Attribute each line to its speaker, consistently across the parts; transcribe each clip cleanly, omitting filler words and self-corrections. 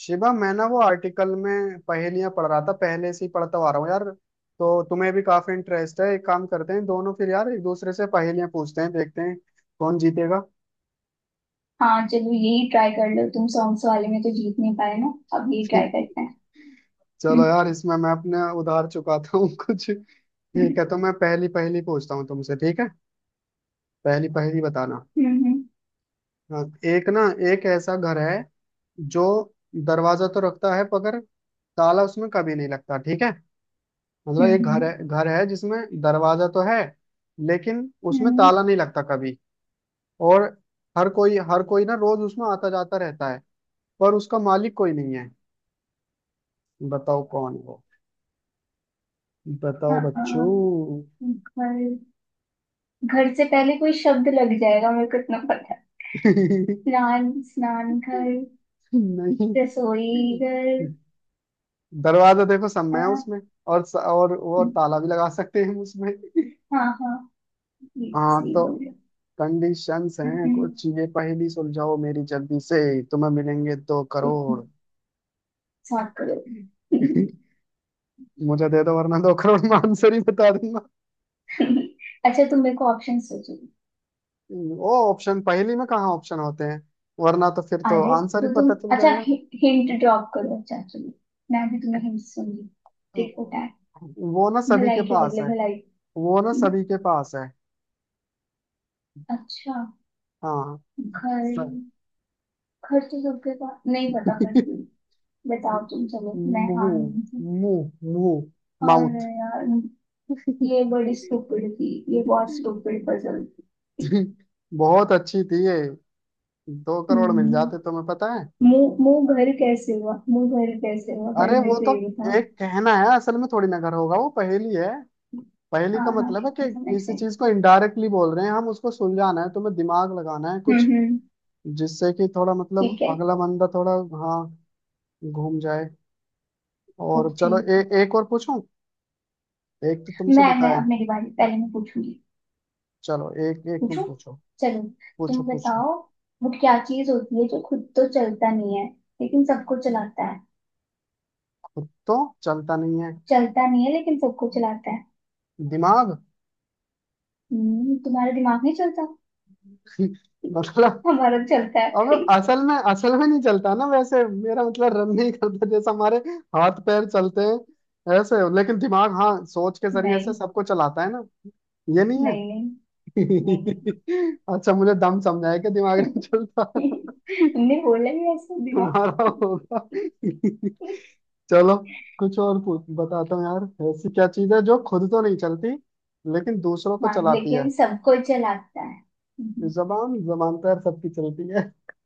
Speaker 1: शिवा, मैं ना वो आर्टिकल में पहेलियां पढ़ रहा था। पहले से ही पढ़ता आ रहा हूँ यार। तो तुम्हें भी काफी इंटरेस्ट है। एक काम करते हैं दोनों फिर यार, एक दूसरे से पहेलियां पूछते हैं, देखते हैं कौन जीतेगा।
Speaker 2: हाँ, चलो यही ट्राई कर लो। तुम सॉन्ग्स वाले में तो जीत नहीं पाए ना, अब यही ट्राई करते हैं।
Speaker 1: चलो यार, इसमें मैं अपने उधार चुकाता हूँ कुछ। ठीक
Speaker 2: हम्म।
Speaker 1: है, तो मैं पहली पहेली पूछता हूँ तुमसे। ठीक है, पहली पहेली बताना।
Speaker 2: हम्म।
Speaker 1: हाँ, एक ना, एक ऐसा घर है जो दरवाजा तो रखता है, मगर ताला उसमें कभी नहीं लगता। ठीक है, मतलब एक घर
Speaker 2: हम्म।
Speaker 1: है, घर है जिसमें दरवाजा तो है, लेकिन उसमें
Speaker 2: हम्म,
Speaker 1: ताला नहीं लगता कभी। और हर कोई ना रोज उसमें आता जाता रहता है, पर उसका मालिक कोई नहीं है। बताओ कौन है वो। बताओ
Speaker 2: हाँ, हाँ,
Speaker 1: बच्चों।
Speaker 2: घर। घर से पहले कोई शब्द लग जाएगा, मेरे को इतना पता है। स्नान स्नान घर।
Speaker 1: नहीं,
Speaker 2: रसोई घर।
Speaker 1: दरवाजा देखो सब में है
Speaker 2: हाँ,
Speaker 1: उसमें। और और वो ताला भी लगा सकते हैं हम उसमें।
Speaker 2: हाँ, हाँ, ये तो
Speaker 1: हाँ
Speaker 2: सही
Speaker 1: तो
Speaker 2: बोल रहे हो।
Speaker 1: कंडीशंस हैं
Speaker 2: हम्म,
Speaker 1: कुछ। ये पहेली सुलझाओ मेरी जल्दी से। तुम्हें मिलेंगे दो करोड़।
Speaker 2: हम्म, साफ करो।
Speaker 1: मुझे दे दो, वरना दो करोड़ में आंसर ही बता दूंगा।
Speaker 2: अच्छा, तुम मेरे को ऑप्शन सोचो।
Speaker 1: वो ऑप्शन पहली में कहाँ ऑप्शन होते हैं? वरना तो फिर तो
Speaker 2: अरे,
Speaker 1: आंसर ही
Speaker 2: तो तुम...
Speaker 1: पता चल
Speaker 2: अच्छा,
Speaker 1: जाएगा।
Speaker 2: हिंट ड्रॉप करो। अच्छा, चलो, मैं भी तुम्हें हिंट सुनूंगी। टिट फॉर टैट,
Speaker 1: वो ना सभी के
Speaker 2: भलाई के
Speaker 1: पास
Speaker 2: बदले
Speaker 1: है।
Speaker 2: भलाई।
Speaker 1: वो ना सभी के पास है।
Speaker 2: अच्छा।
Speaker 1: हाँ,
Speaker 2: घर।
Speaker 1: स-
Speaker 2: घर तो सबके पास नहीं, पता फिर भी। बताओ तुम, चलो, मैं
Speaker 1: मुंह।
Speaker 2: हार नहीं थी।
Speaker 1: मुंह।
Speaker 2: और
Speaker 1: माउथ।
Speaker 2: यार, ये बड़ी स्टूपिड थी, ये बहुत स्टूपिड पजल थी।
Speaker 1: बहुत अच्छी थी ये। दो करोड़ मिल
Speaker 2: हम्म,
Speaker 1: जाते तुम्हें, पता है।
Speaker 2: मुंह, मुंह घर कैसे हुआ? मुंह घर कैसे हुआ? पहले
Speaker 1: अरे
Speaker 2: मेरे
Speaker 1: वो
Speaker 2: को
Speaker 1: तो,
Speaker 2: ये बताओ।
Speaker 1: एक कहना है असल में, थोड़ी नगर होगा वो, पहेली है। पहेली
Speaker 2: हाँ,
Speaker 1: का
Speaker 2: हाँ,
Speaker 1: मतलब है
Speaker 2: ठीक है,
Speaker 1: कि
Speaker 2: समझ
Speaker 1: किसी
Speaker 2: गए।
Speaker 1: चीज को इनडायरेक्टली बोल रहे हैं हम, उसको सुलझाना है, तुम्हें दिमाग लगाना है
Speaker 2: हम्म।
Speaker 1: कुछ,
Speaker 2: हम्म।
Speaker 1: जिससे कि थोड़ा मतलब
Speaker 2: ठीक है।
Speaker 1: अगला बंदा थोड़ा, हाँ, घूम जाए। और
Speaker 2: ओके।
Speaker 1: चलो एक और पूछूं। एक तो तुमसे
Speaker 2: मैं,
Speaker 1: बताया।
Speaker 2: अब मेरी बारी, पहले मैं पूछूंगी।
Speaker 1: चलो एक एक तुम
Speaker 2: पूछूं?
Speaker 1: पूछो।
Speaker 2: चलो,
Speaker 1: पूछो
Speaker 2: तुम
Speaker 1: पूछो।
Speaker 2: बताओ। वो क्या चीज होती है जो खुद तो चलता नहीं है लेकिन सबको चलाता है?
Speaker 1: खुद तो चलता नहीं है।
Speaker 2: चलता नहीं है लेकिन सबको चलाता है।
Speaker 1: दिमाग
Speaker 2: हम्म? तुम्हारा दिमाग नहीं चलता,
Speaker 1: मतलब
Speaker 2: हमारा तो चलता
Speaker 1: अब
Speaker 2: है।
Speaker 1: असल में नहीं चलता ना वैसे, मेरा मतलब रन नहीं करता जैसे हमारे हाथ पैर चलते हैं ऐसे। लेकिन दिमाग, हाँ, सोच के जरिए से
Speaker 2: नहीं।
Speaker 1: सबको चलाता है ना। ये नहीं है?
Speaker 2: नहीं। नहीं।
Speaker 1: अच्छा, मुझे दम समझाया कि दिमाग नहीं चलता।
Speaker 2: नहीं। तुमने बोला ही ऐसा, दिमाग।
Speaker 1: तुम्हारा होगा। चलो कुछ और बताता हूँ यार, ऐसी क्या चीज है जो खुद तो नहीं चलती लेकिन दूसरों को
Speaker 2: हाँ,
Speaker 1: चलाती है।
Speaker 2: लेकिन सबको चलाता है। हम्म,
Speaker 1: जबान? जबान तो यार सबकी चलती है।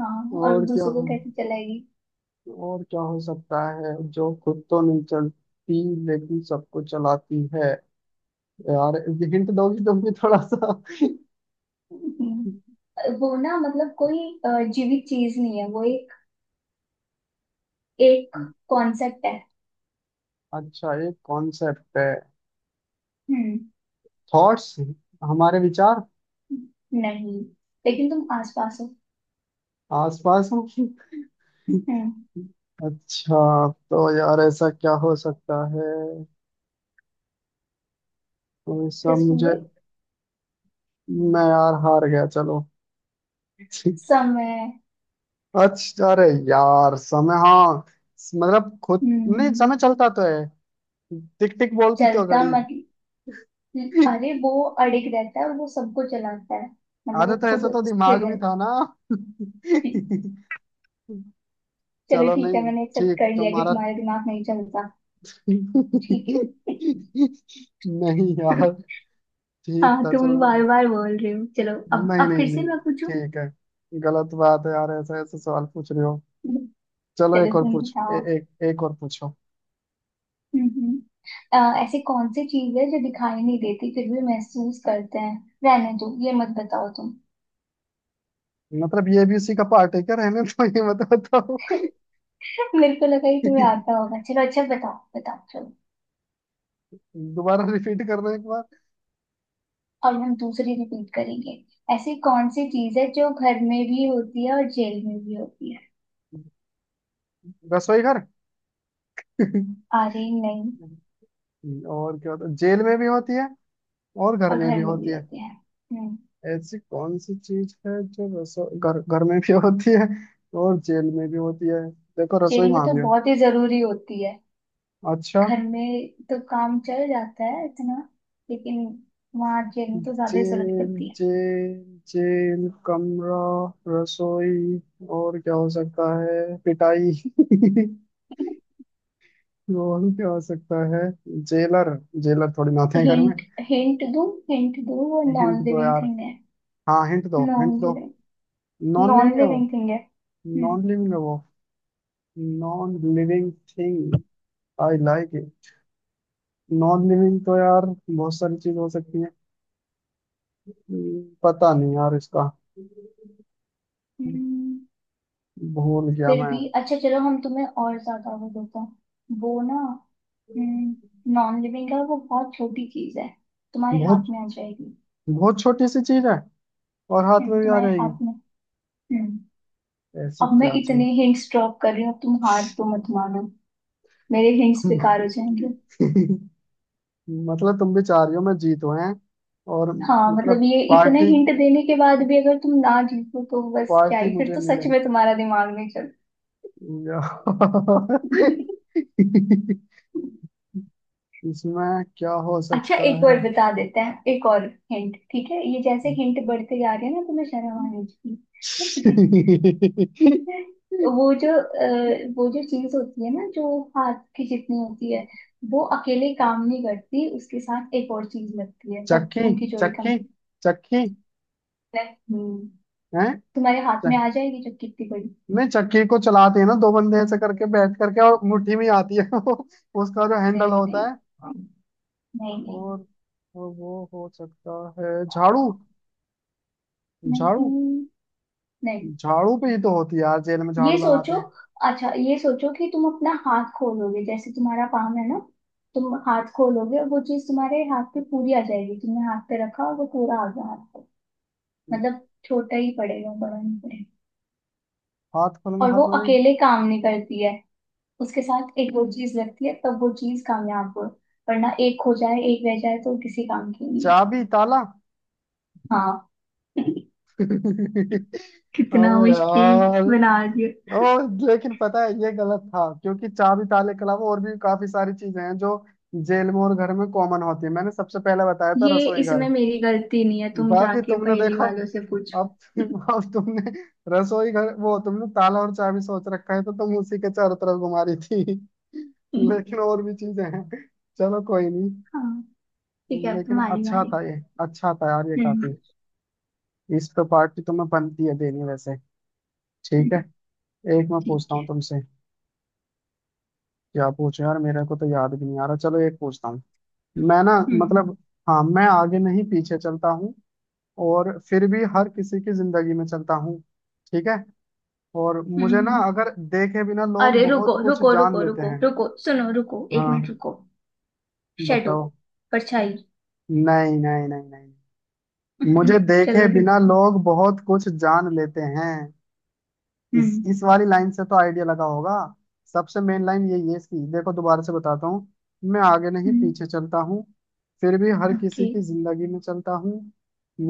Speaker 2: हाँ, और
Speaker 1: और क्या?
Speaker 2: दूसरों को कैसे चलाएगी?
Speaker 1: और क्या हो सकता है जो खुद तो नहीं चलती लेकिन सबको चलाती है? यार हिंट दोगी तुम भी थोड़ा सा?
Speaker 2: हम्म, वो ना मतलब कोई जीवित चीज नहीं है वो, एक कॉन्सेप्ट है।
Speaker 1: अच्छा, एक कॉन्सेप्ट है।
Speaker 2: हम्म।
Speaker 1: थॉट्स, हमारे विचार।
Speaker 2: नहीं, लेकिन तुम आसपास हो।
Speaker 1: आसपास हूँ?
Speaker 2: हम्म।
Speaker 1: अच्छा, तो यार ऐसा क्या हो सकता है? तो ये सब
Speaker 2: जस्ट
Speaker 1: मुझे,
Speaker 2: मुझे...
Speaker 1: मैं यार हार गया चलो।
Speaker 2: समय।
Speaker 1: अच्छा, अरे यार, समय। हाँ, मतलब खुद नहीं,
Speaker 2: हम्म।
Speaker 1: समय चलता तो है। टिक टिक बोलती तो
Speaker 2: चलता
Speaker 1: घड़ी।
Speaker 2: मतलब... अरे, वो अड़िग रहता है, वो सबको चलाता है, मतलब
Speaker 1: आधा
Speaker 2: वो
Speaker 1: तो
Speaker 2: खुद
Speaker 1: ऐसा तो दिमाग
Speaker 2: स्थिर है।
Speaker 1: भी था ना।
Speaker 2: ठीक। चलो,
Speaker 1: चलो
Speaker 2: ठीक है,
Speaker 1: नहीं,
Speaker 2: मैंने एक्सेप्ट
Speaker 1: ठीक।
Speaker 2: कर लिया कि
Speaker 1: तुम्हारा।
Speaker 2: तुम्हारा दिमाग नहीं चलता। ठीक है।
Speaker 1: नहीं यार, ठीक
Speaker 2: हाँ,
Speaker 1: था
Speaker 2: तुम
Speaker 1: चलो।
Speaker 2: बार बार बोल रहे हो चलो। अब
Speaker 1: नहीं
Speaker 2: अब
Speaker 1: नहीं
Speaker 2: फिर से
Speaker 1: नहीं
Speaker 2: मैं पूछूं।
Speaker 1: ठीक है। गलत बात है यार, ऐसा ऐसा सवाल पूछ रहे हो। चलो
Speaker 2: चलो,
Speaker 1: एक और
Speaker 2: तुम
Speaker 1: पूछ,
Speaker 2: बताओ।
Speaker 1: एक एक और पूछो।
Speaker 2: हम्म। हम्म। अ, ऐसी कौन सी चीज है जो दिखाई नहीं देती फिर भी महसूस करते हैं? रहने दो, ये मत बताओ तुम।
Speaker 1: मतलब ये भी उसी का पार्ट है क्या? रहने तो, ये मत बताओ।
Speaker 2: मेरे को लगा कि तुम्हें आता होगा, चलो, अच्छा, बताओ बताओ, चलो।
Speaker 1: दोबारा रिपीट करना एक बार।
Speaker 2: और हम दूसरी रिपीट करेंगे। ऐसी कौन सी चीज है जो घर में भी होती है और जेल में भी होती है?
Speaker 1: रसोई घर?
Speaker 2: अरे नहीं।
Speaker 1: और क्या होता है जेल में भी होती है और घर
Speaker 2: और
Speaker 1: में
Speaker 2: घर
Speaker 1: भी
Speaker 2: में भी
Speaker 1: होती है?
Speaker 2: होती है। हम्म।
Speaker 1: ऐसी कौन सी चीज है जो रसोई घर, घर में भी होती है और जेल में भी होती है? देखो रसोई
Speaker 2: जेल में
Speaker 1: वहां
Speaker 2: तो
Speaker 1: भी है।
Speaker 2: बहुत ही जरूरी होती है।
Speaker 1: अच्छा,
Speaker 2: घर में तो काम चल जाता है इतना, लेकिन वहाँ जेल में तो ज्यादा ही जरूरत
Speaker 1: जेल
Speaker 2: पड़ती
Speaker 1: जेल जेल कमरा, रसोई। और क्या हो सकता है? पिटाई।
Speaker 2: है।
Speaker 1: और क्या हो सकता है? जेलर? जेलर थोड़ी ना आते हैं घर में।
Speaker 2: हिंट, हिंट दूं? हिंट दूं? वो
Speaker 1: हिंट
Speaker 2: नॉन
Speaker 1: दो
Speaker 2: लिविंग
Speaker 1: यार।
Speaker 2: थिंग है।
Speaker 1: हाँ हिंट दो,
Speaker 2: नॉन
Speaker 1: हिंट दो।
Speaker 2: लिविंग,
Speaker 1: नॉन लिविंग
Speaker 2: नॉन
Speaker 1: है वो।
Speaker 2: लिविंग थिंग है। हम्म।
Speaker 1: नॉन लिविंग है वो। Non living thing. I like it. Non living तो यार बहुत सारी चीज हो सकती है। पता नहीं यार इसका।
Speaker 2: हम्म,
Speaker 1: भूल गया
Speaker 2: फिर
Speaker 1: मैं।
Speaker 2: भी अच्छा, चलो हम तुम्हें और ज्यादा वो देते हैं वो ना। नॉन लिविंग है, वो बहुत छोटी चीज है, तुम्हारे
Speaker 1: बहुत,
Speaker 2: हाथ में आ जाएगी।
Speaker 1: बहुत छोटी सी चीज है और हाथ में भी आ
Speaker 2: तुम्हारे हाथ
Speaker 1: जाएगी?
Speaker 2: में। हम्म।
Speaker 1: ऐसी
Speaker 2: अब मैं
Speaker 1: क्या
Speaker 2: इतने
Speaker 1: चीज?
Speaker 2: हिंट्स ड्रॉप कर रही हूँ, अब तुम हार तो मत मानो, मेरे हिंट्स बेकार हो जाएंगे।
Speaker 1: मतलब तुम भी चाह रही हो मैं जीतूं, हैं? और
Speaker 2: हाँ
Speaker 1: मतलब,
Speaker 2: मतलब, ये इतने
Speaker 1: पार्टी,
Speaker 2: हिंट देने के बाद भी अगर तुम ना जीतो तो बस, क्या
Speaker 1: पार्टी
Speaker 2: ही फिर,
Speaker 1: मुझे
Speaker 2: तो
Speaker 1: मिले
Speaker 2: सच में तुम्हारा दिमाग नहीं।
Speaker 1: यार। इसमें क्या हो
Speaker 2: अच्छा,
Speaker 1: सकता
Speaker 2: एक और
Speaker 1: है?
Speaker 2: बता देते हैं, एक और हिंट, ठीक है। ये जैसे हिंट बढ़ते जा रहे हैं ना, तुम्हें शर्म आनी चाहिए। वो जो चीज होती है ना, जो हाथ की जितनी होती है, वो अकेले काम नहीं करती, उसके साथ एक और चीज लगती है, तब
Speaker 1: चक्की?
Speaker 2: उनकी जोड़ी कम
Speaker 1: चक्की? चक्की
Speaker 2: है। हम्म।
Speaker 1: है?
Speaker 2: तुम्हारे हाथ में
Speaker 1: चक...
Speaker 2: आ जाएगी, जो कितनी बड़ी।
Speaker 1: नहीं, चक्की को चलाते हैं ना दो बंदे ऐसे करके बैठ करके, और मुट्ठी में आती है वो उसका जो हैंडल
Speaker 2: नहीं,
Speaker 1: होता
Speaker 2: नहीं,
Speaker 1: है।
Speaker 2: नहीं,
Speaker 1: और और वो हो सकता है झाड़ू?
Speaker 2: नहीं,
Speaker 1: झाड़ू,
Speaker 2: नहीं, नहीं।
Speaker 1: झाड़ू पे ही तो होती है यार, जेल में
Speaker 2: ये
Speaker 1: झाड़ू लगाते
Speaker 2: सोचो।
Speaker 1: हैं।
Speaker 2: अच्छा, ये सोचो कि तुम अपना हाथ खोलोगे, जैसे तुम्हारा पाम है ना। तुम हाथ खोलोगे और वो चीज तुम्हारे हाथ पे पूरी आ जाएगी। तुमने हाथ पे रखा और वो पूरा आ गया हाथ पे। मतलब छोटा ही पड़ेगा, बड़ा नहीं पड़ेगा।
Speaker 1: हाथ खोलेंगे,
Speaker 2: और वो
Speaker 1: हाथ में।
Speaker 2: अकेले काम नहीं करती है, उसके साथ एक वो चीज लगती है, तब वो चीज कामयाब हो। वरना एक हो जाए, एक रह जाए तो किसी काम की नहीं है।
Speaker 1: चाबी, ताला?
Speaker 2: हाँ। कितना
Speaker 1: अबे
Speaker 2: मुश्किल
Speaker 1: यार।
Speaker 2: बना दिया
Speaker 1: ओ, लेकिन पता है ये गलत था, क्योंकि चाबी ताले के अलावा और भी काफी सारी चीजें हैं जो जेल में और घर में कॉमन होती है। मैंने सबसे पहले बताया था,
Speaker 2: ये!
Speaker 1: रसोई घर।
Speaker 2: इसमें मेरी गलती नहीं है, तुम
Speaker 1: बाकी
Speaker 2: जाके
Speaker 1: तुमने
Speaker 2: पहेली
Speaker 1: देखो,
Speaker 2: वालों से पूछो।
Speaker 1: अब तुमने रसोई घर, वो तुमने ताला और चाबी सोच रखा है, तो तुम उसी के चारों तरफ घुमा रही थी, लेकिन और भी चीजें हैं। चलो कोई नहीं,
Speaker 2: हाँ, ठीक है, अब
Speaker 1: लेकिन
Speaker 2: तुम्हारी
Speaker 1: अच्छा
Speaker 2: बारी।
Speaker 1: था ये। अच्छा था यार ये,
Speaker 2: हम्म।
Speaker 1: काफी। इस पे पार्टी तुम्हें बनती है देनी वैसे। ठीक है, एक मैं पूछता
Speaker 2: ठीक है।
Speaker 1: हूँ तुमसे। क्या पूछो यार, मेरे को तो याद भी नहीं आ रहा। चलो एक पूछता हूँ। मैं ना,
Speaker 2: हम्म।
Speaker 1: मतलब, हाँ, मैं आगे नहीं पीछे चलता हूँ, और फिर भी हर किसी की जिंदगी में चलता हूँ। ठीक है? और
Speaker 2: हम्म।
Speaker 1: मुझे ना,
Speaker 2: हम्म।
Speaker 1: अगर देखे बिना लोग
Speaker 2: अरे रुको,
Speaker 1: बहुत कुछ
Speaker 2: रुको,
Speaker 1: जान
Speaker 2: रुको,
Speaker 1: लेते
Speaker 2: रुको,
Speaker 1: हैं।
Speaker 2: रुको, सुनो, रुको, एक
Speaker 1: हाँ
Speaker 2: मिनट रुको। शेडो।
Speaker 1: बताओ।
Speaker 2: परछाई।
Speaker 1: नहीं नहीं नहीं नहीं। मुझे देखे
Speaker 2: चलो रे।
Speaker 1: बिना लोग बहुत कुछ जान लेते हैं। इस
Speaker 2: हम्म।
Speaker 1: इस वाली लाइन से तो आइडिया लगा होगा। सबसे मेन लाइन यही है इसकी। देखो दोबारा से बताता हूँ। मैं आगे नहीं
Speaker 2: हम्म।
Speaker 1: पीछे चलता हूँ, फिर भी हर किसी
Speaker 2: ओके।
Speaker 1: की जिंदगी में चलता हूँ,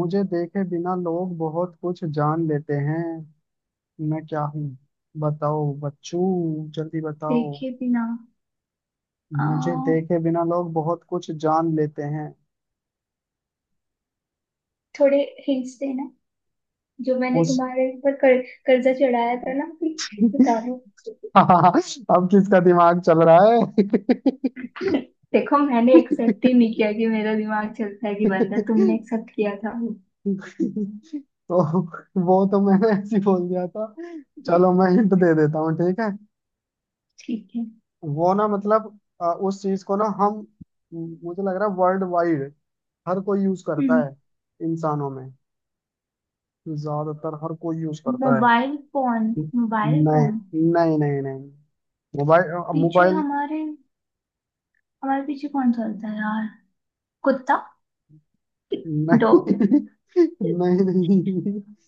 Speaker 1: मुझे देखे बिना लोग बहुत कुछ जान लेते हैं। मैं क्या हूँ? बताओ बच्चू, जल्दी बताओ।
Speaker 2: देखे बिना... आ,
Speaker 1: मुझे देखे बिना लोग बहुत कुछ जान लेते हैं।
Speaker 2: थोड़े हिंट्स देना, जो मैंने
Speaker 1: उस,
Speaker 2: तुम्हारे ऊपर कर्जा चढ़ाया था ना, प्लीज बता दो।
Speaker 1: अब किसका दिमाग चल रहा है?
Speaker 2: देखो, मैंने एक्सेप्ट ही नहीं किया कि मेरा दिमाग चलता है कि बंद है, तुमने एक्सेप्ट किया था।
Speaker 1: तो वो तो मैंने ऐसे ही बोल दिया था। चलो मैं हिंट दे देता हूँ ठीक है।
Speaker 2: ठीक है।
Speaker 1: वो ना, मतलब उस चीज को ना हम, मुझे लग रहा है वर्ल्ड वाइड हर कोई यूज करता
Speaker 2: हम्म।
Speaker 1: है। इंसानों में ज्यादातर हर कोई यूज करता है।
Speaker 2: Mobile phone. Mobile phone.
Speaker 1: नहीं नहीं नहीं नहीं, मोबाइल।
Speaker 2: पीछे
Speaker 1: मोबाइल
Speaker 2: हमारे, हमारे पीछे कौन चलता है यार? कुत्ता।
Speaker 1: नहीं।
Speaker 2: डॉग।
Speaker 1: नहीं नहीं।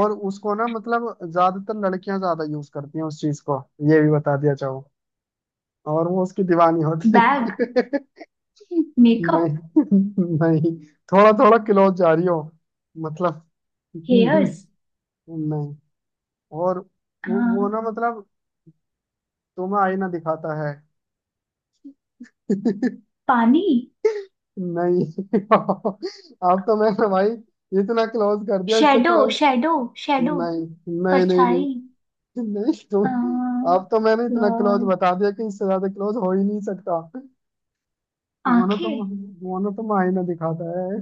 Speaker 1: और उसको ना, मतलब ज्यादातर लड़कियां ज्यादा यूज करती हैं उस चीज को। ये भी बता दिया चाहूँ, और वो उसकी दीवानी होती
Speaker 2: बैग।
Speaker 1: है।
Speaker 2: मेकअप।
Speaker 1: नहीं नहीं, थोड़ा थोड़ा क्लोज जा रही हो। मतलब नहीं।
Speaker 2: हेयर्स।
Speaker 1: और वो
Speaker 2: हाँ,
Speaker 1: ना मतलब, तुम्हें आईना दिखाता है।
Speaker 2: पानी।
Speaker 1: नहीं। अब तो मैंने भाई इतना क्लोज कर दिया, इससे
Speaker 2: शेडो।
Speaker 1: क्लोज।
Speaker 2: शेडो। शेडो।
Speaker 1: नहीं, नहीं नहीं
Speaker 2: परछाई।
Speaker 1: नहीं नहीं
Speaker 2: अ,
Speaker 1: तुम। अब तो मैंने इतना क्लोज
Speaker 2: यार,
Speaker 1: बता दिया कि इससे ज्यादा क्लोज हो ही नहीं सकता। तुम्हारा तो
Speaker 2: आंखें।
Speaker 1: तुम्हारा तो मायने दिखाता है।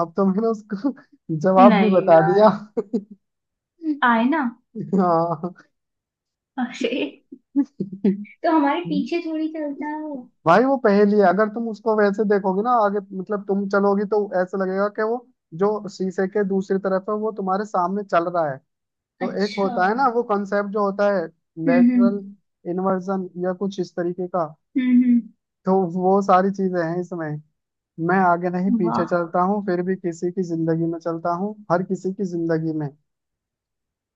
Speaker 1: अब तो मैंने उसको जवाब भी
Speaker 2: नहीं
Speaker 1: बता
Speaker 2: यार,
Speaker 1: दिया।
Speaker 2: आईना।
Speaker 1: हाँ
Speaker 2: अरे, तो हमारे पीछे थोड़ी चलता है वो।
Speaker 1: भाई, वो पहेली है। अगर तुम उसको वैसे देखोगे ना आगे, मतलब तुम चलोगी, तो ऐसा लगेगा कि वो जो शीशे के दूसरी तरफ है, वो तुम्हारे सामने चल रहा है। तो एक
Speaker 2: अच्छा।
Speaker 1: होता है ना
Speaker 2: हम्म।
Speaker 1: वो कॉन्सेप्ट जो होता है,
Speaker 2: हम्म।
Speaker 1: लेटरल इन्वर्जन या कुछ इस तरीके का।
Speaker 2: हम्म।
Speaker 1: तो वो सारी चीजें हैं इसमें। मैं आगे नहीं पीछे
Speaker 2: वाह।
Speaker 1: चलता हूँ, फिर भी किसी की जिंदगी में चलता हूँ, हर किसी की जिंदगी में।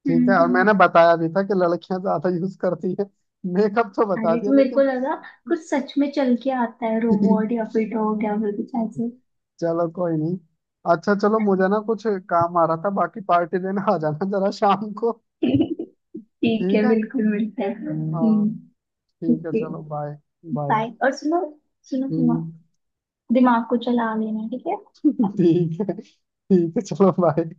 Speaker 1: ठीक
Speaker 2: हम्म।
Speaker 1: है? और
Speaker 2: हम्म।
Speaker 1: मैंने बताया भी था कि लड़कियां ज्यादा यूज करती है, मेकअप तो बता
Speaker 2: अरे,
Speaker 1: दिया
Speaker 2: तो मेरे को
Speaker 1: लेकिन।
Speaker 2: लगा कुछ सच में चल के आता है, रोबोट या फिर डॉग या फिर कुछ ऐसे।
Speaker 1: चलो कोई नहीं। अच्छा चलो, मुझे ना कुछ काम आ रहा था। बाकी पार्टी देने आ जाना जरा शाम को।
Speaker 2: ठीक
Speaker 1: ठीक
Speaker 2: है,
Speaker 1: है,
Speaker 2: बिल्कुल मिलता है।
Speaker 1: हाँ,
Speaker 2: हम्म।
Speaker 1: ठीक
Speaker 2: ठीक
Speaker 1: है
Speaker 2: है,
Speaker 1: चलो बाय। बाय।
Speaker 2: बाय। और सुनो, सुनो, सुनो, दिमाग को चला लेना, ठीक है।
Speaker 1: ठीक है, ठीक है, चलो बाय।